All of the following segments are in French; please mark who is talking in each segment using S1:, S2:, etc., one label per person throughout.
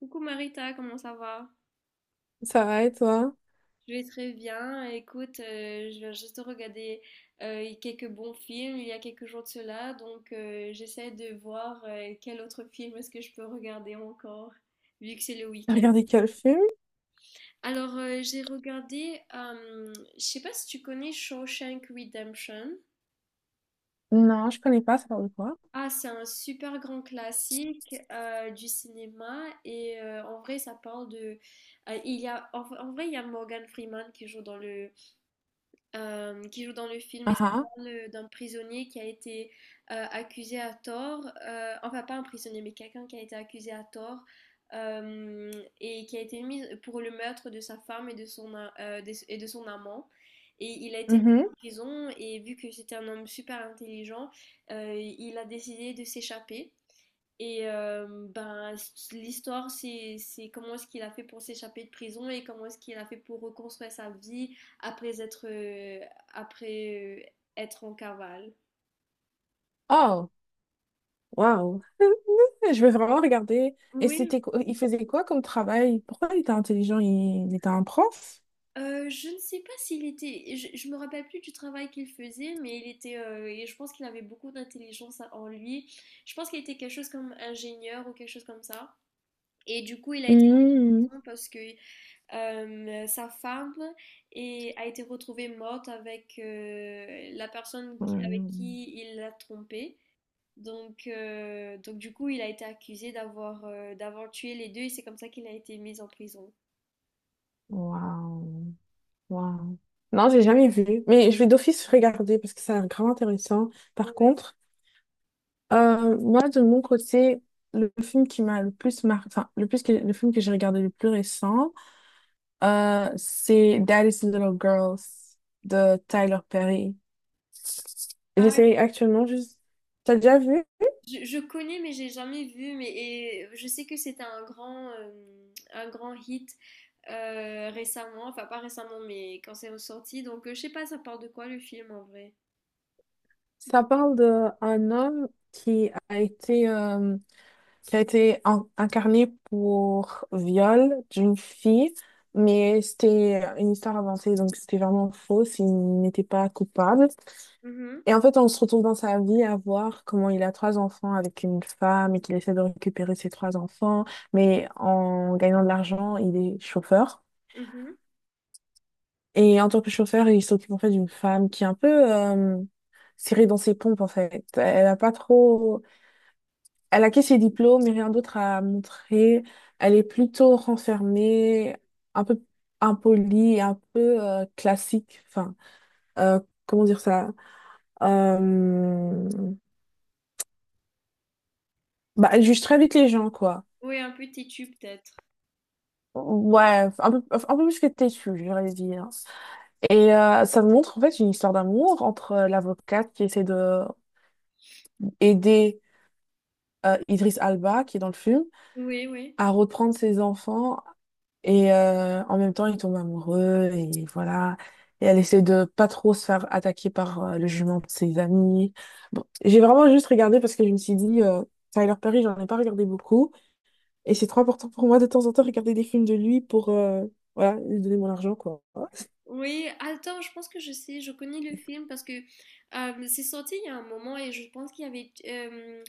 S1: Coucou Marita, comment ça va?
S2: Ça va et toi?
S1: Je vais très bien. Écoute, je viens juste de regarder quelques bons films il y a quelques jours de cela, donc j'essaie de voir quel autre film est-ce que je peux regarder encore, vu que c'est le
S2: T'as
S1: week-end.
S2: regardé quel film?
S1: Alors, j'ai regardé, je sais pas si tu connais Shawshank Redemption.
S2: Non, je connais pas, ça parle de quoi?
S1: Ah, c'est un super grand classique du cinéma et en vrai, ça parle de il y a, en vrai, il y a Morgan Freeman qui joue dans le film et
S2: Ah
S1: ça
S2: ah.
S1: parle d'un prisonnier qui a été accusé à tort, enfin pas un prisonnier mais quelqu'un qui a été accusé à tort euh, et qui a été mis pour le meurtre de sa femme et de son amant. Et il a été mis en
S2: Mhm.
S1: prison et vu que c'était un homme super intelligent, il a décidé de s'échapper. Et ben, l'histoire, c'est comment est-ce qu'il a fait pour s'échapper de prison et comment est-ce qu'il a fait pour reconstruire sa vie après, être en cavale.
S2: Oh, waouh. Je vais vraiment regarder. Et
S1: Oui,
S2: c'était il faisait quoi comme travail? Pourquoi il était intelligent? Il était un prof?
S1: je ne sais pas s'il était, je me rappelle plus du travail qu'il faisait, mais il était, et je pense qu'il avait beaucoup d'intelligence en lui. Je pense qu'il était quelque chose comme ingénieur ou quelque chose comme ça. Et du coup, il a été
S2: Mhm.
S1: prison parce que sa femme a été retrouvée morte avec la personne avec
S2: Hmm.
S1: qui il l'a trompée. Donc, du coup, il a été accusé d'avoir tué les deux et c'est comme ça qu'il a été mis en prison.
S2: Waouh. Waouh. Non, j'ai jamais vu. Mais je vais d'office regarder parce que ça a l'air grave intéressant. Par
S1: Ouais.
S2: contre, moi, de mon côté, le film qui m'a le plus marqué, enfin, le plus le film que j'ai regardé le plus récent, c'est Daddy's Little Girls de Tyler Perry.
S1: Ah,
S2: J'essaye actuellement juste. T'as déjà vu?
S1: je connais mais j'ai jamais vu mais et je sais que c'était un grand hit récemment, enfin pas récemment mais quand c'est ressorti. Donc je sais pas ça parle de quoi le film en vrai.
S2: Ça parle d'un homme qui a été euh, qui a été incarnée pour viol d'une fille, mais c'était une histoire avancée, donc c'était vraiment faux, il n'était pas coupable.
S1: Mhm,
S2: Et en fait, on se retrouve dans sa vie à voir comment il a trois enfants avec une femme et qu'il essaie de récupérer ses trois enfants, mais en gagnant de l'argent, il est chauffeur.
S1: mhm.
S2: Et en tant que chauffeur, il s'occupe en fait d'une femme qui est un peu serrée dans ses pompes en fait. Elle a pas trop. Elle a que ses diplômes et rien d'autre à montrer. Elle est plutôt renfermée, un peu impolie, et un peu classique. Enfin, euh, comment dire ça? Euh, Bah, elle juge très vite les gens, quoi.
S1: Oui, un peu têtu peut-être.
S2: Ouais, un peu plus que têtue, j'aurais dire. Et ça montre en fait une histoire d'amour entre l'avocate qui essaie de aider Idriss Alba, qui est dans le film,
S1: Oui, oui.
S2: à reprendre ses enfants. Et en même temps, ils tombent amoureux et voilà. Et elle essaie de pas trop se faire attaquer par le jument de ses amis. Bon, j'ai vraiment juste regardé parce que je me suis dit, Tyler Perry, j'en ai pas regardé beaucoup. Et c'est trop important pour moi de temps en temps regarder des films de lui pour voilà, lui donner mon argent, quoi.
S1: Oui, attends, je pense que je sais, je connais le film parce que c'est sorti il y a un moment et je pense qu'il y avait,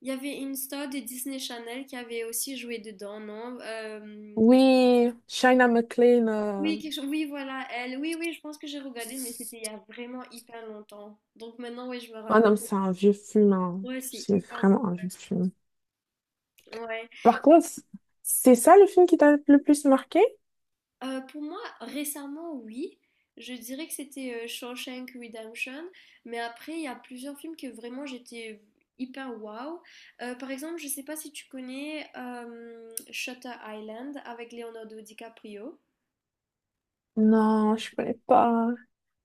S1: il y avait une star de Disney Channel qui avait aussi joué dedans, non? Euh,
S2: Oui, Shaina McLean.
S1: oui,
S2: euh,
S1: quelque chose, oui, voilà, elle. Oui, oui, je pense que j'ai regardé, mais c'était il y a vraiment hyper longtemps. Donc maintenant, oui, je me rappelle.
S2: Ah non, mais c'est un vieux film, hein.
S1: Ouais, c'est
S2: C'est
S1: hyper vieux.
S2: vraiment un vieux film.
S1: Ouais.
S2: Par contre, c'est ça le film qui t'a le plus marqué?
S1: Pour moi, récemment, oui. Je dirais que c'était Shawshank Redemption, mais après, il y a plusieurs films que vraiment j'étais hyper wow. Par exemple, je sais pas si tu connais Shutter Island avec Leonardo DiCaprio.
S2: Non, je connais pas.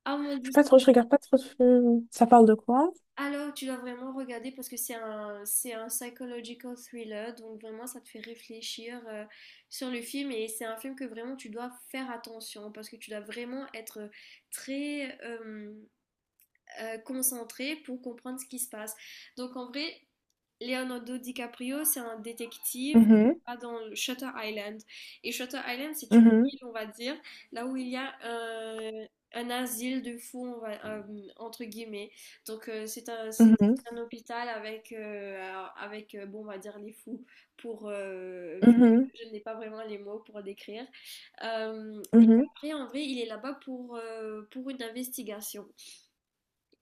S1: Ah mon
S2: Je
S1: Dieu,
S2: suis pas trop, je regarde pas trop de films. Ça parle de quoi?
S1: alors tu dois vraiment regarder parce que c'est un psychological thriller, donc vraiment ça te fait réfléchir sur le film et c'est un film que vraiment tu dois faire attention parce que tu dois vraiment être très concentré pour comprendre ce qui se passe. Donc en vrai, Leonardo DiCaprio, c'est un détective qui
S2: Mhm,
S1: va dans Shutter Island. Et Shutter Island, c'est une
S2: mhm,
S1: île, on va dire, là où il y a un asile de fous, entre guillemets. Donc c'est
S2: mhm,
S1: c'est un hôpital avec, avec bon, on va dire les fous, pour, vu
S2: mhm,
S1: que je n'ai pas vraiment les mots pour décrire. Et
S2: mhm.
S1: après, en vrai, il est là-bas pour une investigation.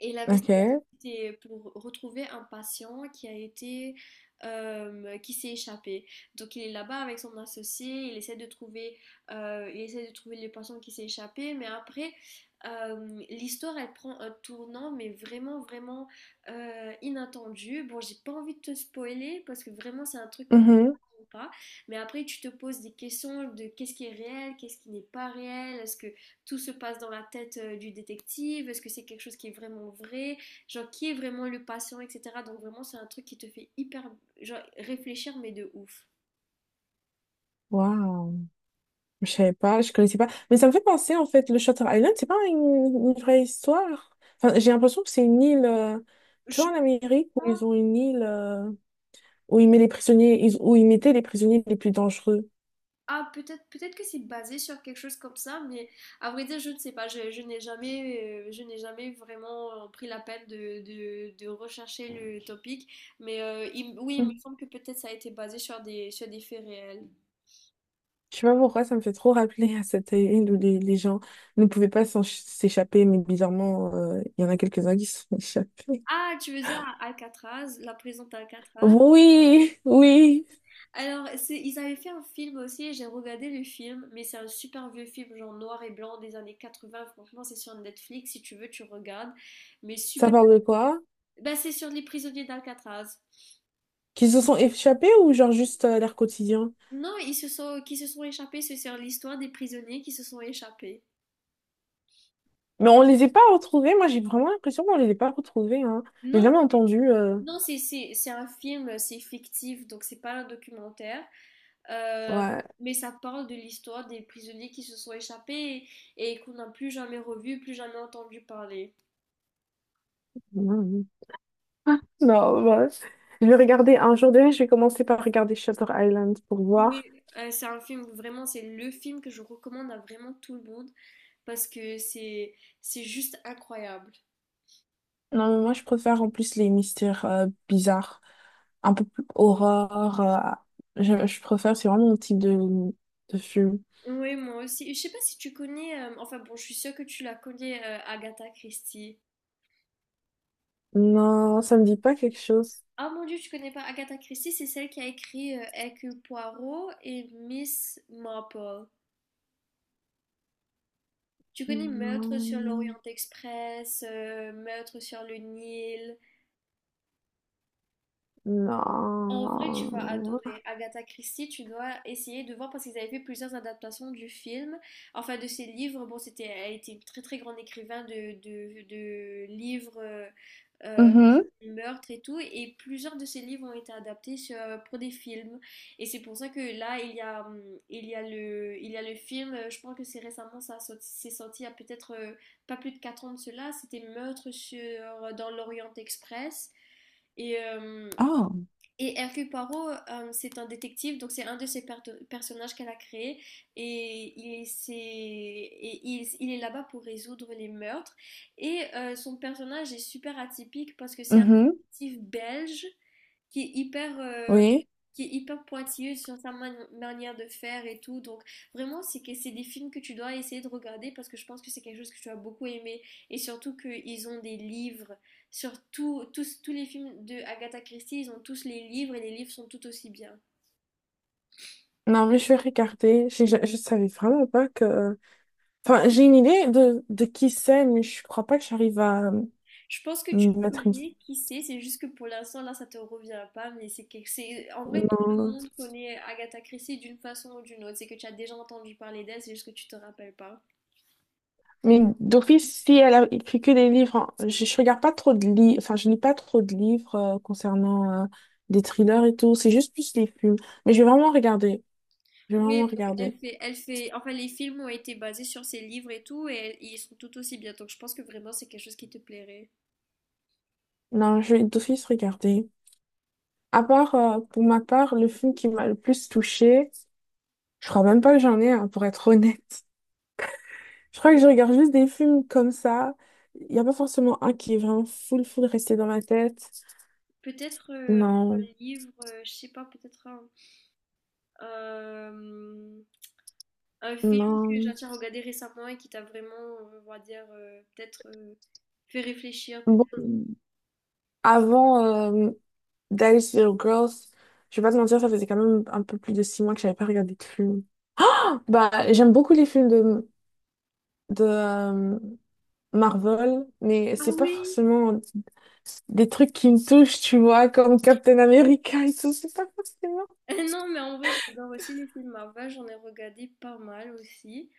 S1: Et l'investigation,
S2: Ok.
S1: c'était pour retrouver un patient qui a été, qui s'est échappé. Donc il est là-bas avec son associé, il essaie de trouver le patient qui s'est échappé, mais après, l'histoire, elle prend un tournant, mais vraiment, vraiment inattendu. Bon, j'ai pas envie de te spoiler parce que vraiment, c'est un truc que tu
S2: Mhm.
S1: comprends pas. Mais après, tu te poses des questions de qu'est-ce qui est réel, qu'est-ce qui n'est pas réel, est-ce que tout se passe dans la tête du détective, est-ce que c'est quelque chose qui est vraiment vrai, genre qui est vraiment le patient, etc. Donc vraiment c'est un truc qui te fait hyper genre, réfléchir mais de ouf.
S2: Waouh, je savais pas, je connaissais pas. Mais ça me fait penser en fait, le Shutter Island, c'est pas une vraie histoire. Enfin, j'ai l'impression que c'est une île, tu
S1: Je
S2: vois, en Amérique où ils
S1: pense-
S2: ont une île où ils mettent les prisonniers, où ils mettaient les prisonniers les plus dangereux.
S1: ah peut-être peut-être que c'est basé sur quelque chose comme ça, mais à vrai dire je ne sais pas, je n'ai jamais vraiment pris la peine de, de rechercher le topic, mais oui il me
S2: Mm.
S1: semble que peut-être ça a été basé sur des faits réels.
S2: Je sais pas pourquoi, ça me fait trop rappeler à cette île où les gens ne pouvaient pas s'échapper, mais bizarrement, il y en a quelques-uns qui se sont échappés.
S1: Ah, tu veux dire Alcatraz, la prison d'Alcatraz?
S2: Oui, oui.
S1: Alors, ils avaient fait un film aussi, j'ai regardé le film, mais c'est un super vieux film, genre noir et blanc des années 80. Franchement, c'est sur Netflix, si tu veux, tu regardes. Mais
S2: Ça
S1: super.
S2: parle de quoi?
S1: Bah, c'est sur les prisonniers d'Alcatraz.
S2: Qu'ils se sont échappés ou genre juste leur quotidien?
S1: Non, qui se sont échappés, c'est sur l'histoire des prisonniers qui se sont échappés.
S2: Mais on les a pas retrouvés. Moi, j'ai vraiment l'impression qu'on les a pas retrouvés, hein. J'ai
S1: Non,
S2: jamais entendu.
S1: non, c'est un film, c'est fictif, donc c'est pas un documentaire. Euh,
S2: Ouais.
S1: mais ça parle de l'histoire des prisonniers qui se sont échappés et qu'on n'a plus jamais revu, plus jamais entendu parler.
S2: Mm. Non, bah, je vais regarder un jour déjà. Je vais commencer par regarder Shutter Island pour
S1: Oui,
S2: voir.
S1: c'est un film, vraiment, c'est le film que je recommande à vraiment tout le monde parce que c'est juste incroyable.
S2: Non, mais moi, je préfère en plus les mystères bizarres, un peu plus horreur. Je préfère, c'est vraiment mon type de film.
S1: Oui, moi aussi. Je sais pas si tu connais, enfin bon, je suis sûre que tu la connais, Agatha Christie.
S2: Non, ça me dit pas quelque chose.
S1: Ah mon Dieu, tu connais pas Agatha Christie, c'est celle qui a écrit Hercule Poirot et Miss Marple. Tu connais Meurtre sur
S2: Non.
S1: l'Orient Express, Meurtre sur le Nil. En vrai, tu vas
S2: Non.
S1: adorer. Agatha Christie, tu dois essayer de voir parce qu'ils avaient fait plusieurs adaptations du film, enfin de ses livres. Bon, elle était une très très grande écrivain de livres
S2: Mhm.
S1: sur le meurtre et tout, et plusieurs de ses livres ont été adaptés pour des films. Et c'est pour ça que là, il y a le film. Je pense que c'est récemment, c'est sorti il y a peut-être pas plus de 4 ans de cela. C'était Meurtre sur dans l'Orient Express. Et, euh,
S2: Ah.
S1: et, Hercule Poirot, c'est un détective, donc c'est un de ses personnages qu'elle a créé. Et il, c'est- et il est là-bas pour résoudre les meurtres. Et son personnage est super atypique parce que c'est un
S2: Mhm.
S1: détective belge qui est hyper, euh,
S2: Oui.
S1: qui est hyper pointilleuse sur sa manière de faire et tout. Donc vraiment, c'est que c'est des films que tu dois essayer de regarder parce que je pense que c'est quelque chose que tu as beaucoup aimé et surtout qu'ils ont des livres sur tous les films de Agatha Christie, ils ont tous les livres et les livres sont tout aussi bien.
S2: Non, mais je vais regarder. Je savais vraiment pas que... Enfin, j'ai une idée de qui c'est, mais je crois pas que j'arrive à
S1: Je pense que tu
S2: mettre une...
S1: connais, qui sait, c'est juste que pour l'instant là ça te revient pas, mais c'est en vrai tout le
S2: Non.
S1: monde connaît Agatha Christie d'une façon ou d'une autre. C'est que tu as déjà entendu parler d'elle, c'est juste que tu te rappelles pas.
S2: Mais d'office, si elle a écrit que des livres, hein, je regarde pas trop de livres, enfin, je lis pas trop de livres concernant des thrillers et tout. C'est juste plus les films. Mais je vais vraiment regarder. Je vais vraiment
S1: Oui, donc
S2: regarder.
S1: elle fait, enfin les films ont été basés sur ses livres et tout, et, ils sont tout aussi bien. Donc je pense que vraiment c'est quelque chose qui te plairait.
S2: Non, je vais d'office regarder. À part, pour ma part, le film qui m'a le plus touchée, je crois même pas que j'en ai un, pour être honnête. Je crois que
S1: Et
S2: je regarde juste des films comme ça. Il n'y a pas forcément un qui est vraiment full, full resté dans ma tête.
S1: peut-être un
S2: Non,
S1: livre, je sais pas, peut-être euh, un film que j'ai
S2: non.
S1: déjà regardé récemment et qui t'a vraiment, on va dire, peut-être fait réfléchir. Peut-être.
S2: Bon, avant. euh, Dice Little Girls. Je vais pas te mentir, ça faisait quand même un peu plus de 6 mois que j'avais pas regardé de film. Bah, j'aime beaucoup les films de Marvel, mais
S1: Ah
S2: c'est pas
S1: oui!
S2: forcément des trucs qui me touchent, tu vois, comme Captain America et tout. C'est pas forcément.
S1: Non, mais en vrai j'adore aussi les films Marvel, j'en ai regardé pas mal aussi.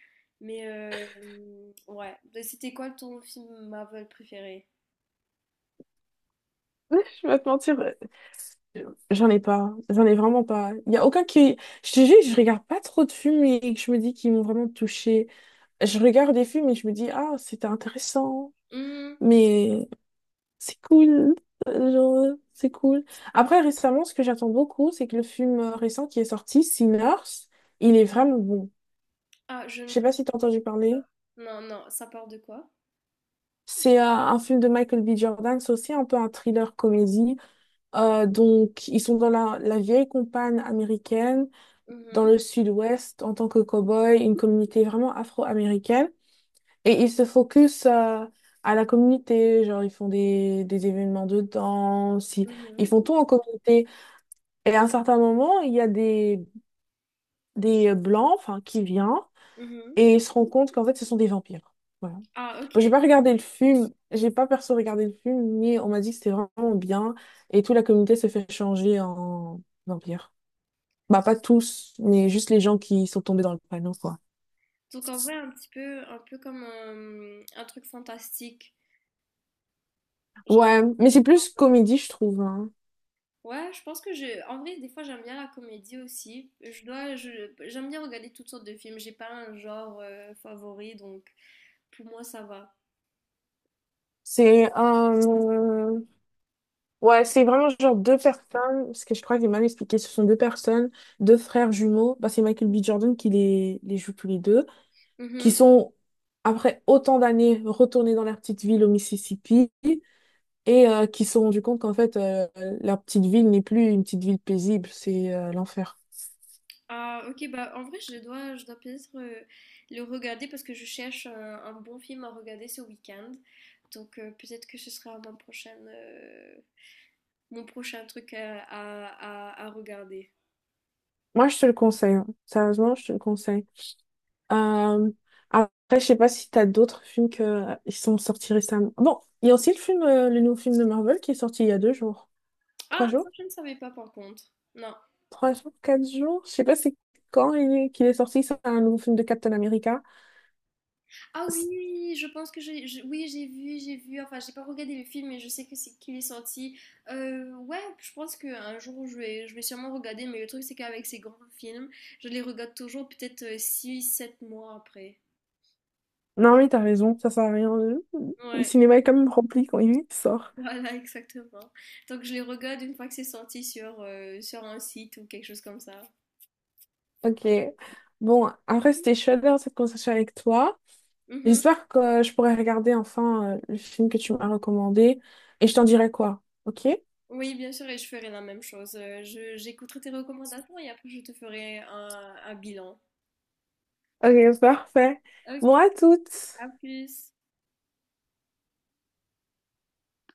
S1: Mais ouais, c'était quoi ton film Marvel préféré?
S2: Je vais pas te mentir, j'en ai pas. J'en ai vraiment pas. Il y a aucun qui. Je te jure, je regarde pas trop de films et que je me dis qu'ils m'ont vraiment touchée. Je regarde des films et je me dis, ah, c'était intéressant.
S1: Hmm.
S2: Mais. C'est cool. Genre, c'est cool. Après, récemment, ce que j'attends beaucoup, c'est que le film récent qui est sorti, Sinners, il est vraiment bon.
S1: Ah, je ne
S2: Je sais pas
S1: connais
S2: si t'as entendu parler.
S1: pas. Non, non, ça part de quoi?
S2: C'est un film de Michael B. Jordan, c'est aussi un peu un thriller comédie. Donc, ils sont dans la vieille campagne américaine, dans
S1: Mhm,
S2: le sud-ouest, en tant que cow-boy, une communauté vraiment afro-américaine. Et ils se focus à la communauté, genre ils font des événements de danse, ils,
S1: mhm,
S2: ils font tout en communauté. Et à un certain moment, il y a des blancs enfin, qui viennent
S1: mhm.
S2: et ils se rendent compte qu'en fait, ce sont des vampires. Voilà.
S1: Ah, ok.
S2: Bon, j'ai pas regardé le film, j'ai pas perso regardé le film, mais on m'a dit que c'était vraiment bien et toute la communauté s'est fait changer en vampire. Bah, pas tous, mais juste les gens qui sont tombés dans le panneau, quoi.
S1: Donc en vrai, un petit peu, un peu comme un truc fantastique. Genre,
S2: Ouais, mais c'est plus comédie, je trouve. Hein.
S1: ouais, je pense que je, en vrai, des fois, j'aime bien la comédie aussi. Je dois, j'aime bien regarder toutes sortes de films. J'ai pas un genre favori, donc pour moi, ça va.
S2: C'est un... Ouais, c'est vraiment genre deux personnes, parce que je crois que j'ai mal expliqué, ce sont deux personnes, deux frères jumeaux, bah, c'est Michael B. Jordan qui les joue tous les deux, qui
S1: Mhm.
S2: sont, après autant d'années, retournés dans leur petite ville au Mississippi, et qui se sont rendus compte qu'en fait, leur petite ville n'est plus une petite ville paisible, c'est l'enfer.
S1: Ah, ok, bah en vrai, je dois peut-être le regarder parce que je cherche un bon film à regarder ce week-end. Donc peut-être que ce sera mon prochain truc à regarder.
S2: Moi, je te le conseille, hein. Sérieusement, je te le conseille. Euh, après, je sais pas si t'as d'autres films que ils sont sortis récemment. Bon, il y a aussi le film, le nouveau film de Marvel qui est sorti il y a deux jours, trois
S1: Ah, ça,
S2: jours,
S1: je ne savais pas par contre. Non.
S2: trois jours, quatre jours. Je sais pas c'est quand il est, qu'il est sorti. C'est un nouveau film de Captain America.
S1: Ah
S2: C'est-
S1: oui, je pense que oui, j'ai vu, j'ai vu. Enfin, j'ai pas regardé le film, mais je sais que c'est qu'il est sorti. Ouais, je pense qu'un jour je vais sûrement regarder. Mais le truc, c'est qu'avec ces grands films, je les regarde toujours peut-être six sept mois après.
S2: Non mais t'as raison, ça sert à rien. Le
S1: Ouais,
S2: cinéma est quand même rempli quand il sort.
S1: voilà, exactement. Donc je les regarde une fois que c'est sorti sur un site ou quelque chose comme ça.
S2: Ok. Bon, après c'était chouette d'avoir cette conversation avec toi.
S1: Mhm.
S2: J'espère que je pourrai regarder enfin le film que tu m'as recommandé et je t'en dirai quoi. Ok?
S1: Oui, bien sûr, et je ferai la même chose. J'écouterai tes recommandations et après je te ferai un bilan.
S2: Ok, parfait.
S1: Ok,
S2: Moi, toutes.
S1: à plus.